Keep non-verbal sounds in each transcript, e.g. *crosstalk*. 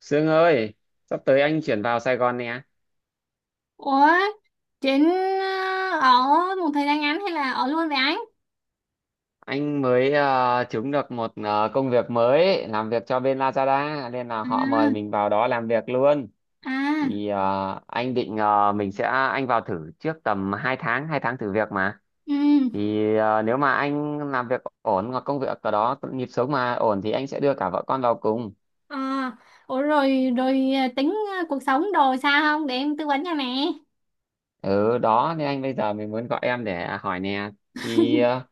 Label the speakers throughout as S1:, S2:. S1: Sương ơi, sắp tới anh chuyển vào Sài Gòn nè.
S2: Ủa, Trịnh, ở một thời gian ngắn hay là ở luôn với anh?
S1: Anh mới trúng được một công việc mới làm việc cho bên Lazada nên là họ
S2: À,
S1: mời mình vào đó làm việc luôn.
S2: à,
S1: Thì anh định mình sẽ anh vào thử trước tầm 2 tháng thử việc mà.
S2: ừ,
S1: Thì nếu mà anh làm việc ổn hoặc công việc ở đó nhịp sống mà ổn thì anh sẽ đưa cả vợ con vào cùng.
S2: à, ủa, rồi, rồi, tính, cuộc sống đồ sao không để em tư vấn cho nè.
S1: Ừ đó nên anh bây giờ mình muốn gọi em để hỏi nè. Thì ờ,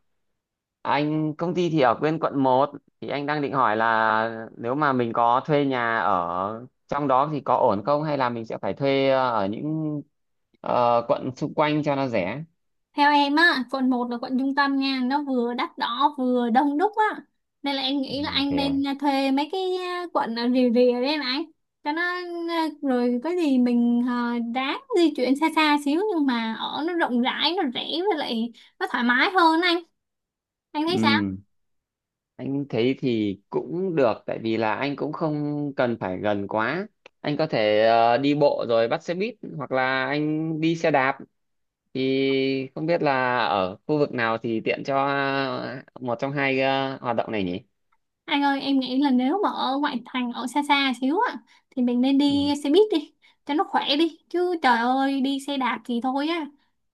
S1: Anh công ty thì ở bên quận một, thì anh đang định hỏi là nếu mà mình có thuê nhà ở trong đó thì có ổn không, hay là mình sẽ phải thuê ở những quận xung quanh cho nó rẻ.
S2: Theo em á, quận 1 là quận trung tâm nha, nó vừa đắt đỏ vừa đông đúc á. Nên là em nghĩ là anh
S1: Thế à?
S2: nên thuê mấy cái quận ở rìa rìa đấy em anh. Cho nó rồi có gì mình ráng di chuyển xa xa xíu, nhưng mà ở nó rộng rãi, nó rẻ, với lại nó thoải mái hơn anh. Anh thấy sao?
S1: Ừ, anh thấy thì cũng được tại vì là anh cũng không cần phải gần quá. Anh có thể đi bộ rồi bắt xe buýt hoặc là anh đi xe đạp, thì không biết là ở khu vực nào thì tiện cho một trong hai hoạt động này nhỉ?
S2: Anh ơi, em nghĩ là nếu mà ở ngoại thành, ở xa xa xíu á, thì mình nên đi xe buýt đi, cho nó khỏe đi. Chứ trời ơi, đi xe đạp thì thôi á,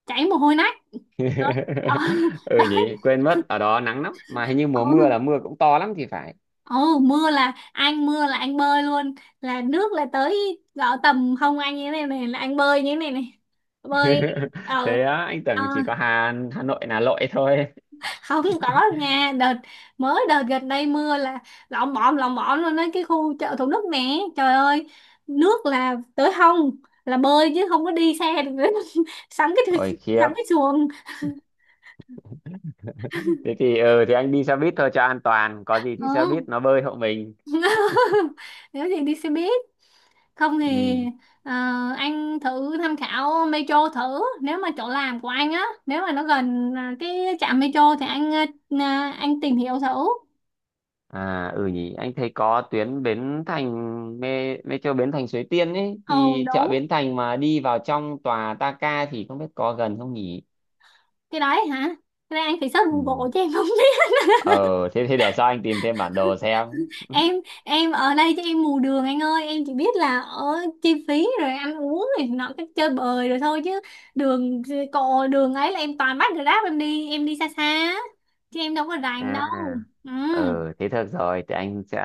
S2: chảy mồ hôi nách. Đấy, ờ,
S1: *laughs*
S2: *laughs*
S1: Ừ
S2: đấy,
S1: nhỉ, quên mất, ở đó nắng lắm mà hình như mùa mưa
S2: ừ,
S1: là mưa cũng to lắm thì phải.
S2: ừ, mưa là anh bơi luôn, là nước là tới gõ tầm hông anh như thế này này, là anh bơi như thế này này. Bơi,
S1: *laughs*
S2: ờ,
S1: Thế á, anh
S2: ờ.
S1: tưởng chỉ có Hà Hà Nội là lội thôi.
S2: không có đâu nha. Đợt gần đây mưa là lộn bộn luôn đấy, cái khu chợ Thủ Đức nè, trời ơi, nước là tới hông, là bơi chứ không có đi xe được nữa. *laughs* sắm cái
S1: Ôi khiếp,
S2: sắm cái xuồng.
S1: thế thì ừ thì anh đi xe buýt thôi cho an toàn, có gì thì xe buýt
S2: Ừ.
S1: nó bơi hộ mình.
S2: *laughs* Nếu gì đi xe buýt, không
S1: Ừ.
S2: thì ờ, anh thử tham khảo metro thử, nếu mà chỗ làm của anh á, nếu mà nó gần cái trạm metro thì anh anh tìm hiểu thử.
S1: À ừ nhỉ, anh thấy có tuyến Bến Thành mê metro Bến Thành Suối Tiên ấy,
S2: Ồ
S1: thì chợ
S2: đúng,
S1: Bến Thành mà đi vào trong tòa Ta Ca thì không biết có gần không nhỉ?
S2: cái đấy hả, cái đấy anh phải search
S1: Ừ.
S2: Google chứ em không.
S1: Ờ, thế thì để sau anh tìm thêm bản đồ xem.
S2: em em ở đây chứ em mù đường anh ơi, em chỉ biết là ở chi phí rồi ăn uống rồi nó cái chơi bời rồi thôi, chứ đường cộ đường ấy là em toàn bắt Grab em đi, em đi xa xa á, chứ em đâu có rành đâu.
S1: À,
S2: Ừ,
S1: ừ, thế được rồi, thì anh sẽ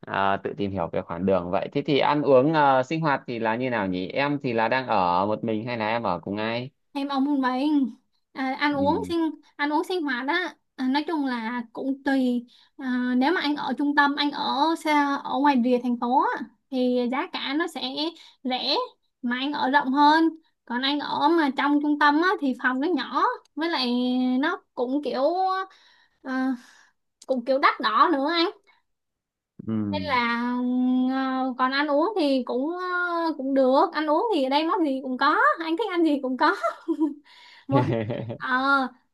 S1: tự tìm hiểu về khoảng đường vậy. Thế thì ăn uống sinh hoạt thì là như nào nhỉ? Em thì là đang ở một mình hay là em ở cùng ai?
S2: em ông một mình. à, ăn uống
S1: Ừ.
S2: sinh Ăn uống sinh hoạt á, nói chung là cũng tùy. Nếu mà anh ở trung tâm, anh ở xa ở ngoài rìa thành phố á, thì giá cả nó sẽ rẻ mà anh ở rộng hơn. Còn anh ở mà trong trung tâm á, thì phòng nó nhỏ, với lại nó cũng kiểu à, đắt đỏ nữa anh.
S1: Ừ.
S2: Nên là còn ăn uống thì cũng à, cũng được, ăn uống thì ở đây món gì cũng có, anh thích ăn gì cũng có. *laughs* mỗi ờ
S1: *laughs*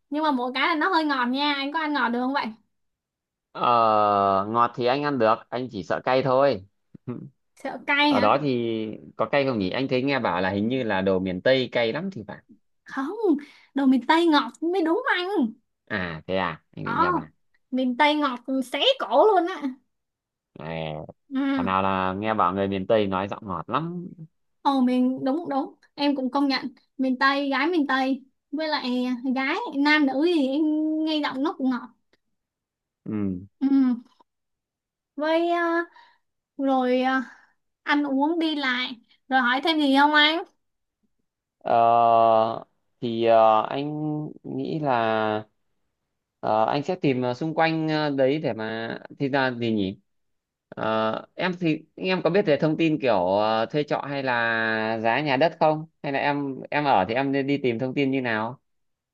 S2: nhưng mà mỗi cái là nó hơi ngọt nha, anh có ăn ngọt được không vậy?
S1: Ờ, ngọt thì anh ăn được, anh chỉ sợ cay thôi. *laughs*
S2: Sợ cay
S1: Ở
S2: hả?
S1: đó thì có cay không nhỉ? Anh thấy nghe bảo là hình như là đồ miền Tây cay lắm thì phải.
S2: Không, đồ miền Tây ngọt mới đúng anh.
S1: À, thế à, anh
S2: Ờ,
S1: định nhà bà.
S2: miền Tây ngọt xé cổ luôn á.
S1: À,
S2: Ừ.
S1: còn nào là nghe bảo người miền Tây nói giọng ngọt lắm.
S2: Ồ miền, đúng đúng, em cũng công nhận miền Tây, gái miền Tây, với lại gái nam nữ gì em nghe giọng nó cũng ngọt.
S1: Ừ.
S2: Ừ, với rồi ờ, ăn uống đi lại rồi, hỏi thêm gì không anh?
S1: Ờ, thì anh nghĩ là anh sẽ tìm xung quanh đấy để mà thì ra gì nhỉ? Em thì em có biết về thông tin kiểu thuê trọ hay là giá nhà đất không? Hay là em ở thì em nên đi tìm thông tin như nào?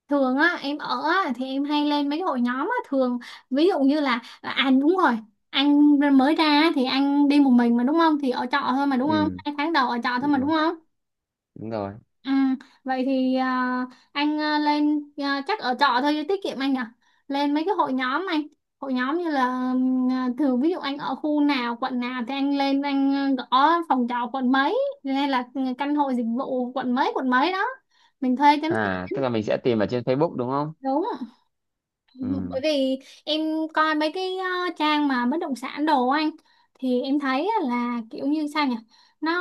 S2: Thường á em ở á, thì em hay lên mấy hội nhóm á. Thường ví dụ như là à, à, đúng rồi, anh mới ra á, thì anh đi một mình mà đúng không, thì ở trọ thôi mà đúng không,
S1: Ừ,
S2: 2 tháng đầu ở trọ thôi
S1: đúng
S2: mà đúng
S1: rồi,
S2: không.
S1: đúng rồi.
S2: Ừ, vậy thì à, anh à, lên à, chắc ở trọ thôi cho tiết kiệm anh lên mấy cái hội nhóm anh, hội nhóm như là thường ví dụ anh ở khu nào quận nào thì anh lên anh gõ phòng trọ quận mấy, hay là ừ, căn hộ dịch vụ quận mấy đó, mình thuê cho nó tiện.
S1: À, tức là mình sẽ tìm ở trên Facebook đúng không?
S2: Đúng. Bởi
S1: Ừ.
S2: vì em coi mấy cái trang mà bất động sản đồ anh, thì em thấy á là kiểu như sao nhỉ, nó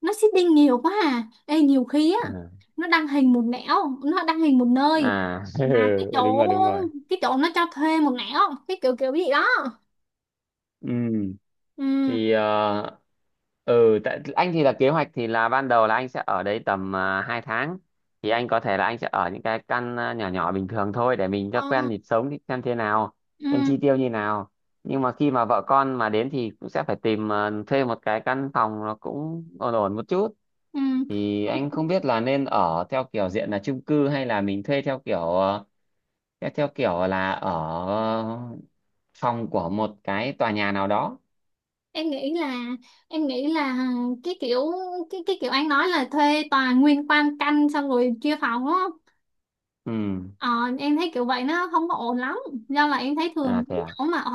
S2: nó seeding nhiều quá à. Ê, nhiều khi á
S1: À,
S2: nó đăng hình một nẻo nó đăng hình một nơi,
S1: à. *laughs*
S2: mà cái
S1: Ừ, đúng
S2: chỗ
S1: rồi, đúng rồi.
S2: cái chỗ nó cho thuê một nẻo, cái kiểu kiểu gì đó.
S1: Ừ,
S2: Ừ.
S1: thì ừ tại anh thì là kế hoạch thì là ban đầu là anh sẽ ở đấy tầm 2 tháng, thì anh có thể là anh sẽ ở những cái căn nhỏ nhỏ bình thường thôi để mình cho
S2: ờ,
S1: quen nhịp sống, thì xem thế nào,
S2: ừ
S1: xem chi tiêu như nào. Nhưng mà khi mà vợ con mà đến thì cũng sẽ phải tìm thuê một cái căn phòng nó cũng ổn ổn một chút,
S2: ừ
S1: thì anh không biết là nên ở theo kiểu diện là chung cư hay là mình thuê theo kiểu theo theo kiểu là ở phòng của một cái tòa nhà nào đó.
S2: em nghĩ là, em nghĩ là cái kiểu, cái kiểu anh nói là thuê toàn nguyên quan căn xong rồi chia phòng đúng.
S1: Ừ.
S2: Ờ, em thấy kiểu vậy nó không có ổn lắm, do là em thấy thường
S1: À, thế à.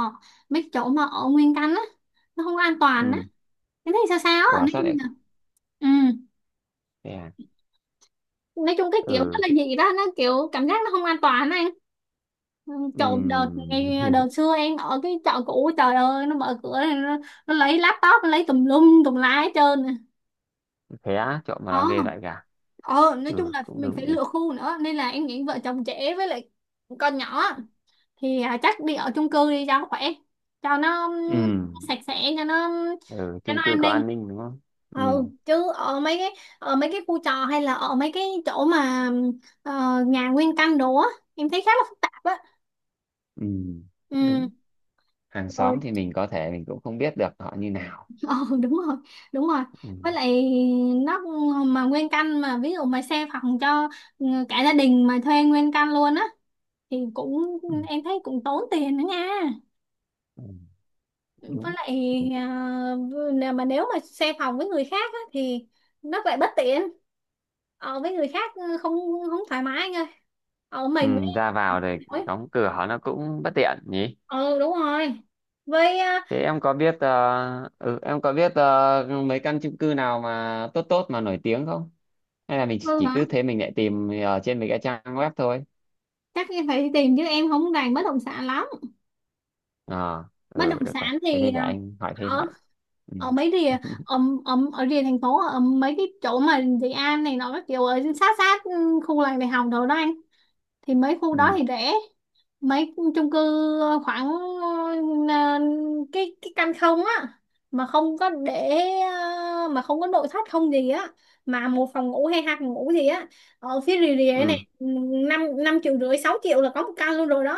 S2: mấy chỗ mà ở nguyên căn á, nó không an toàn á.
S1: Ừ.
S2: Em thấy sao sao á,
S1: Quả
S2: nói
S1: sát
S2: chung
S1: đấy.
S2: là ừ.
S1: Thế à.
S2: Nói chung cái kiểu nó
S1: Ừ.
S2: là gì đó, nó kiểu cảm giác nó không an toàn á anh. Ừ,
S1: Ừ.
S2: chỗ đợt ngày đợt
S1: *laughs*
S2: xưa em ở cái chợ cũ, trời ơi, nó mở cửa này, nó lấy laptop, nó lấy tùm lum tùm la hết trơn nè.
S1: Thế á, trộm mà
S2: Ờ,
S1: nó ghê vậy cả.
S2: ờ, nói chung
S1: Ừ,
S2: là
S1: cũng
S2: mình phải
S1: đúng nhỉ.
S2: lựa khu nữa, nên là em nghĩ vợ chồng trẻ với lại con nhỏ thì chắc đi ở chung cư đi cho khỏe, cho nó
S1: Ừ.
S2: sạch sẽ,
S1: Ừ,
S2: cho nó
S1: chung cư
S2: an
S1: có
S2: ninh.
S1: an ninh đúng không? Ừ.
S2: Ừ, chứ ở mấy cái, ở mấy cái khu trọ hay là ở mấy cái chỗ mà ờ, nhà nguyên căn đồ á, em thấy khá là phức tạp á.
S1: Ừ, cũng
S2: Ừ.
S1: đúng. Hàng
S2: Rồi,
S1: xóm thì mình có thể mình cũng không biết được họ như
S2: ờ,
S1: nào.
S2: *laughs* đúng rồi, đúng rồi.
S1: Ừ.
S2: Với lại nó, mà nguyên căn mà ví dụ mà xe phòng cho ừ, cả gia đình mà thuê nguyên căn luôn á, thì cũng,
S1: Ừ,
S2: em thấy cũng tốn tiền nữa nha.
S1: ừ
S2: Với
S1: đúng.
S2: lại à, nè, mà nếu mà xe phòng với người khác á, thì nó lại bất tiện với người khác, ừ, không, không thoải mái anh ơi. Ờ,
S1: Ừ,
S2: mình với
S1: ra vào rồi
S2: Ôi,
S1: đóng cửa nó cũng bất tiện nhỉ.
S2: ừ đúng rồi. Với
S1: Thế em có biết ờ, ừ, em có biết mấy căn chung cư nào mà tốt tốt mà nổi tiếng không? Hay là mình chỉ
S2: hả,
S1: cứ thế mình lại tìm ở trên mấy cái trang web thôi?
S2: chắc em phải tìm chứ em không rành bất động sản lắm.
S1: Ờ,
S2: Bất
S1: ừ,
S2: động
S1: được rồi.
S2: sản
S1: Thế
S2: thì
S1: thì để anh hỏi thêm
S2: ở,
S1: vậy. Ừ.
S2: ở mấy rìa,
S1: *laughs*
S2: ở, ở rìa thành phố, ở mấy cái chỗ mà Dị An này nó các kiểu ở sát sát, ừ, khu làng đại học đồ đó anh, thì mấy khu đó
S1: Ừ.
S2: thì rẻ. Mấy chung cư ờ, khoảng ờ, cái căn không á, mà không có để mà không có nội thất không gì á, mà 1 phòng ngủ hay 2 phòng ngủ gì á, ở phía rìa rìa
S1: Ừ.
S2: này, năm 5 triệu rưỡi 6 triệu là có một căn luôn rồi đó.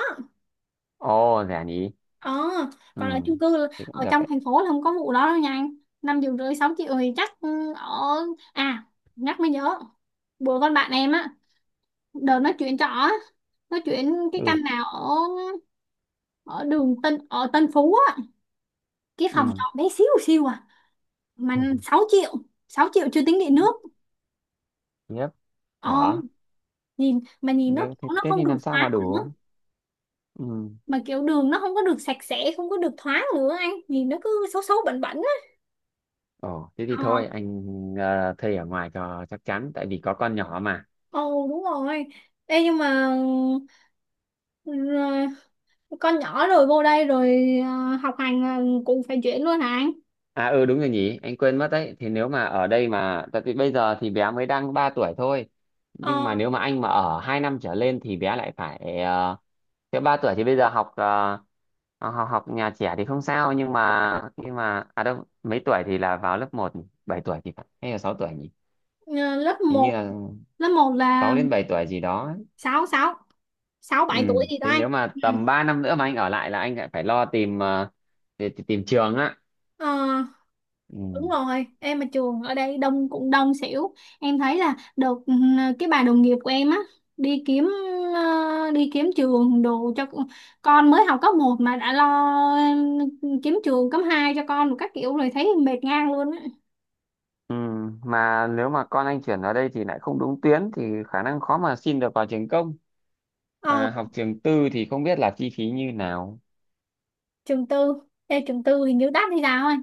S1: Ồ, rẻ nhỉ.
S2: Ờ,
S1: Ừ,
S2: còn ở chung cư là,
S1: thì cũng
S2: ở
S1: được
S2: trong
S1: đấy.
S2: thành phố là không có vụ đó đâu nha anh. 5 triệu rưỡi 6 triệu thì chắc ừ, ở. À, nhắc mới nhớ, bữa con bạn em á, đợt nó chuyển trọ á, nó chuyển cái
S1: Ừ.
S2: căn nào ở, ở đường Tân, ở Tân Phú á, cái phòng trọ
S1: Ừ.
S2: bé xíu xíu à, mà sáu
S1: *laughs*
S2: triệu 6 triệu chưa tính điện nước.
S1: Tiếp.
S2: Ờ,
S1: Quả.
S2: nhìn nó
S1: Nếu thế
S2: nó
S1: Tết
S2: không
S1: thì
S2: được
S1: làm sao mà
S2: thoáng nữa,
S1: đủ? Ừ.
S2: mà kiểu đường nó không có được sạch sẽ, không có được thoáng nữa anh, nhìn nó cứ xấu xấu bẩn bẩn á.
S1: Ồ, thế thì
S2: Ờ.
S1: thôi, anh thuê ở ngoài cho chắc chắn, tại vì có con nhỏ mà.
S2: Ồ đúng rồi. Ê nhưng mà ừ, ờ, con nhỏ rồi vô đây rồi học hành là cũng phải chuyển luôn hả anh?
S1: À ừ đúng rồi nhỉ, anh quên mất đấy. Thì nếu mà ở đây mà tại vì bây giờ thì bé mới đang 3 tuổi thôi. Nhưng
S2: Ờ,
S1: mà nếu mà anh mà ở 2 năm trở lên thì bé lại phải uh, thế 3 tuổi thì bây giờ học học học nhà trẻ thì không sao, nhưng mà à đâu mấy tuổi thì là vào lớp một, 7 tuổi thì phải hay là 6 tuổi nhỉ?
S2: ờ, lớp
S1: Hình như
S2: một,
S1: là
S2: lớp 1
S1: 6
S2: là
S1: đến 7 tuổi gì đó ấy.
S2: sáu, 6, sáu
S1: Ừ,
S2: bảy tuổi gì đó
S1: thế
S2: anh.
S1: nếu mà
S2: Ừ.
S1: tầm 3 năm nữa mà anh ở lại là anh lại phải lo tìm tìm tìm trường á.
S2: Ờ, đúng
S1: Ừ.
S2: rồi, em mà trường ở đây đông cũng đông xỉu. Em thấy là được ừ, cái bà đồng nghiệp của em á đi kiếm đi kiếm trường đồ cho con mới học cấp 1 mà đã lo ừ, kiếm trường cấp 2 cho con một các kiểu rồi thấy mệt ngang luôn á.
S1: Ừ, mà nếu mà con anh chuyển vào đây thì lại không đúng tuyến thì khả năng khó mà xin được vào trường công.
S2: Ờ,
S1: Mà học trường tư thì không biết là chi phí như nào.
S2: trường tư, Ê, trường tư hình như đắt hay sao ấy.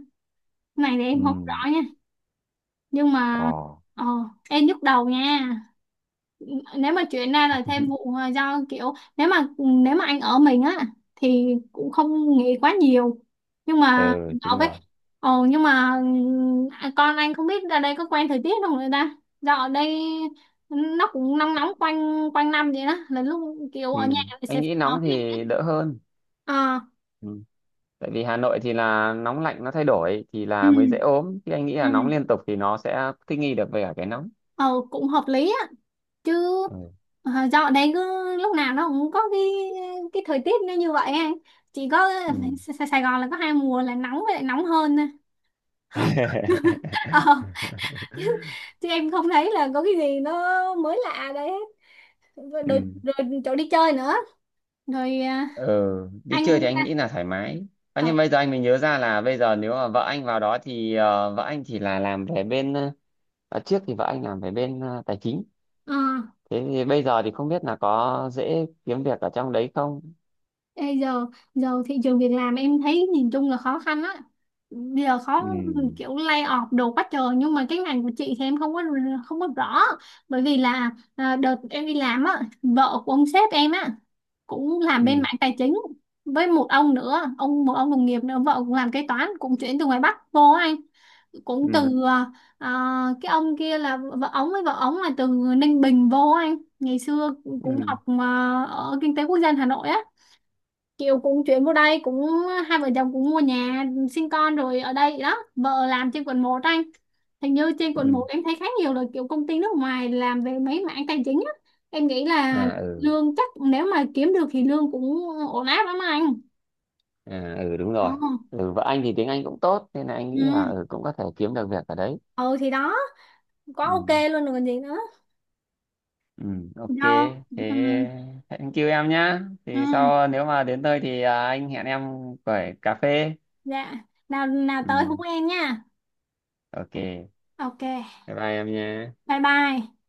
S2: Này thì
S1: Ừ.
S2: em không rõ nha, nhưng
S1: Ồ.
S2: mà ờ, em nhức đầu nha. Nếu mà chuyển ra là thêm vụ
S1: *laughs*
S2: do kiểu, nếu mà anh ở mình á thì cũng không nghĩ quá nhiều, nhưng mà
S1: Ừ,
S2: ở
S1: đúng
S2: với,
S1: rồi.
S2: ồ nhưng mà con anh không biết ra đây có quen thời tiết không người ta, do ở đây nó cũng nóng nóng quanh quanh năm vậy đó, là lúc kiểu
S1: Ừ.
S2: ở nhà thì sẽ
S1: Anh nghĩ
S2: phải có
S1: nóng
S2: cái.
S1: thì đỡ hơn.
S2: Ờ.
S1: Ừ. Tại vì Hà Nội thì là nóng lạnh nó thay đổi thì
S2: Ừ,
S1: là mới dễ ốm. Chứ anh nghĩ là nóng
S2: ừ,
S1: liên tục thì nó sẽ thích nghi được với cả cái nóng.
S2: ờ, cũng hợp lý á, chứ
S1: Ừ.
S2: dạo đấy cứ lúc nào nó cũng có cái thời tiết nó như vậy anh, chỉ có
S1: Ừ.
S2: Sài Sài Gòn là có 2 mùa là nóng với lại nóng hơn thôi. *laughs* Ờ, chứ,
S1: *laughs*
S2: chứ em không thấy là có cái gì nó mới lạ đấy. Rồi, rồi,
S1: Ừ.
S2: rồi chỗ đi chơi nữa, rồi à,
S1: Ừ, đi
S2: anh
S1: chơi thì anh
S2: à,
S1: nghĩ là thoải mái. À,
S2: ờ,
S1: nhưng bây giờ anh mới nhớ ra là bây giờ nếu mà vợ anh vào đó thì vợ anh thì là làm về bên à, trước thì vợ anh làm về bên tài chính,
S2: ờ,
S1: thế thì bây giờ thì không biết là có dễ kiếm việc ở trong đấy không.
S2: Ê, giờ, giờ thị trường việc làm em thấy nhìn chung là khó khăn á, bây giờ khó,
S1: Ừ.
S2: kiểu lay off đồ quá trời, nhưng mà cái ngành của chị thì em không có, không có rõ. Bởi vì là đợt em đi làm á, vợ của ông sếp em á cũng làm bên
S1: Ừ.
S2: mảng tài chính với một ông nữa, một ông đồng nghiệp nữa vợ cũng làm kế toán, cũng chuyển từ ngoài Bắc vô á anh, cũng
S1: Ừ.
S2: từ à, à, cái ông kia là vợ ông là từ Ninh Bình vô á anh, ngày xưa cũng
S1: Ừ.
S2: học mà ở kinh tế quốc dân Hà Nội á, kiểu cũng chuyển vô đây cũng, hai vợ chồng cũng mua nhà sinh con rồi ở đây đó, vợ làm trên quận 1 anh, hình như trên quận
S1: Ừ.
S2: một em thấy khá nhiều là kiểu công ty nước ngoài làm về mấy mảng tài chính á. Em nghĩ là
S1: À. Ừ.
S2: lương, chắc nếu mà kiếm được thì lương cũng ổn áp lắm anh.
S1: À. Ừ, đúng
S2: Ờ.
S1: rồi. Ừ, vợ anh thì tiếng Anh cũng tốt nên là anh
S2: Ừ,
S1: nghĩ là ừ cũng có thể kiếm được việc ở đấy.
S2: ừ thì đó, quá
S1: Ừ.
S2: ok luôn rồi còn gì nữa.
S1: Ừ, ok.
S2: Do
S1: Thế
S2: ừ.
S1: thank you em nhá.
S2: Ừ,
S1: Thì sau nếu mà đến nơi thì anh hẹn em quẩy cà phê.
S2: dạ, nào nào tới hú
S1: Ừ,
S2: em nha.
S1: ok. Bye
S2: Ok,
S1: bye em nhé.
S2: bye bye.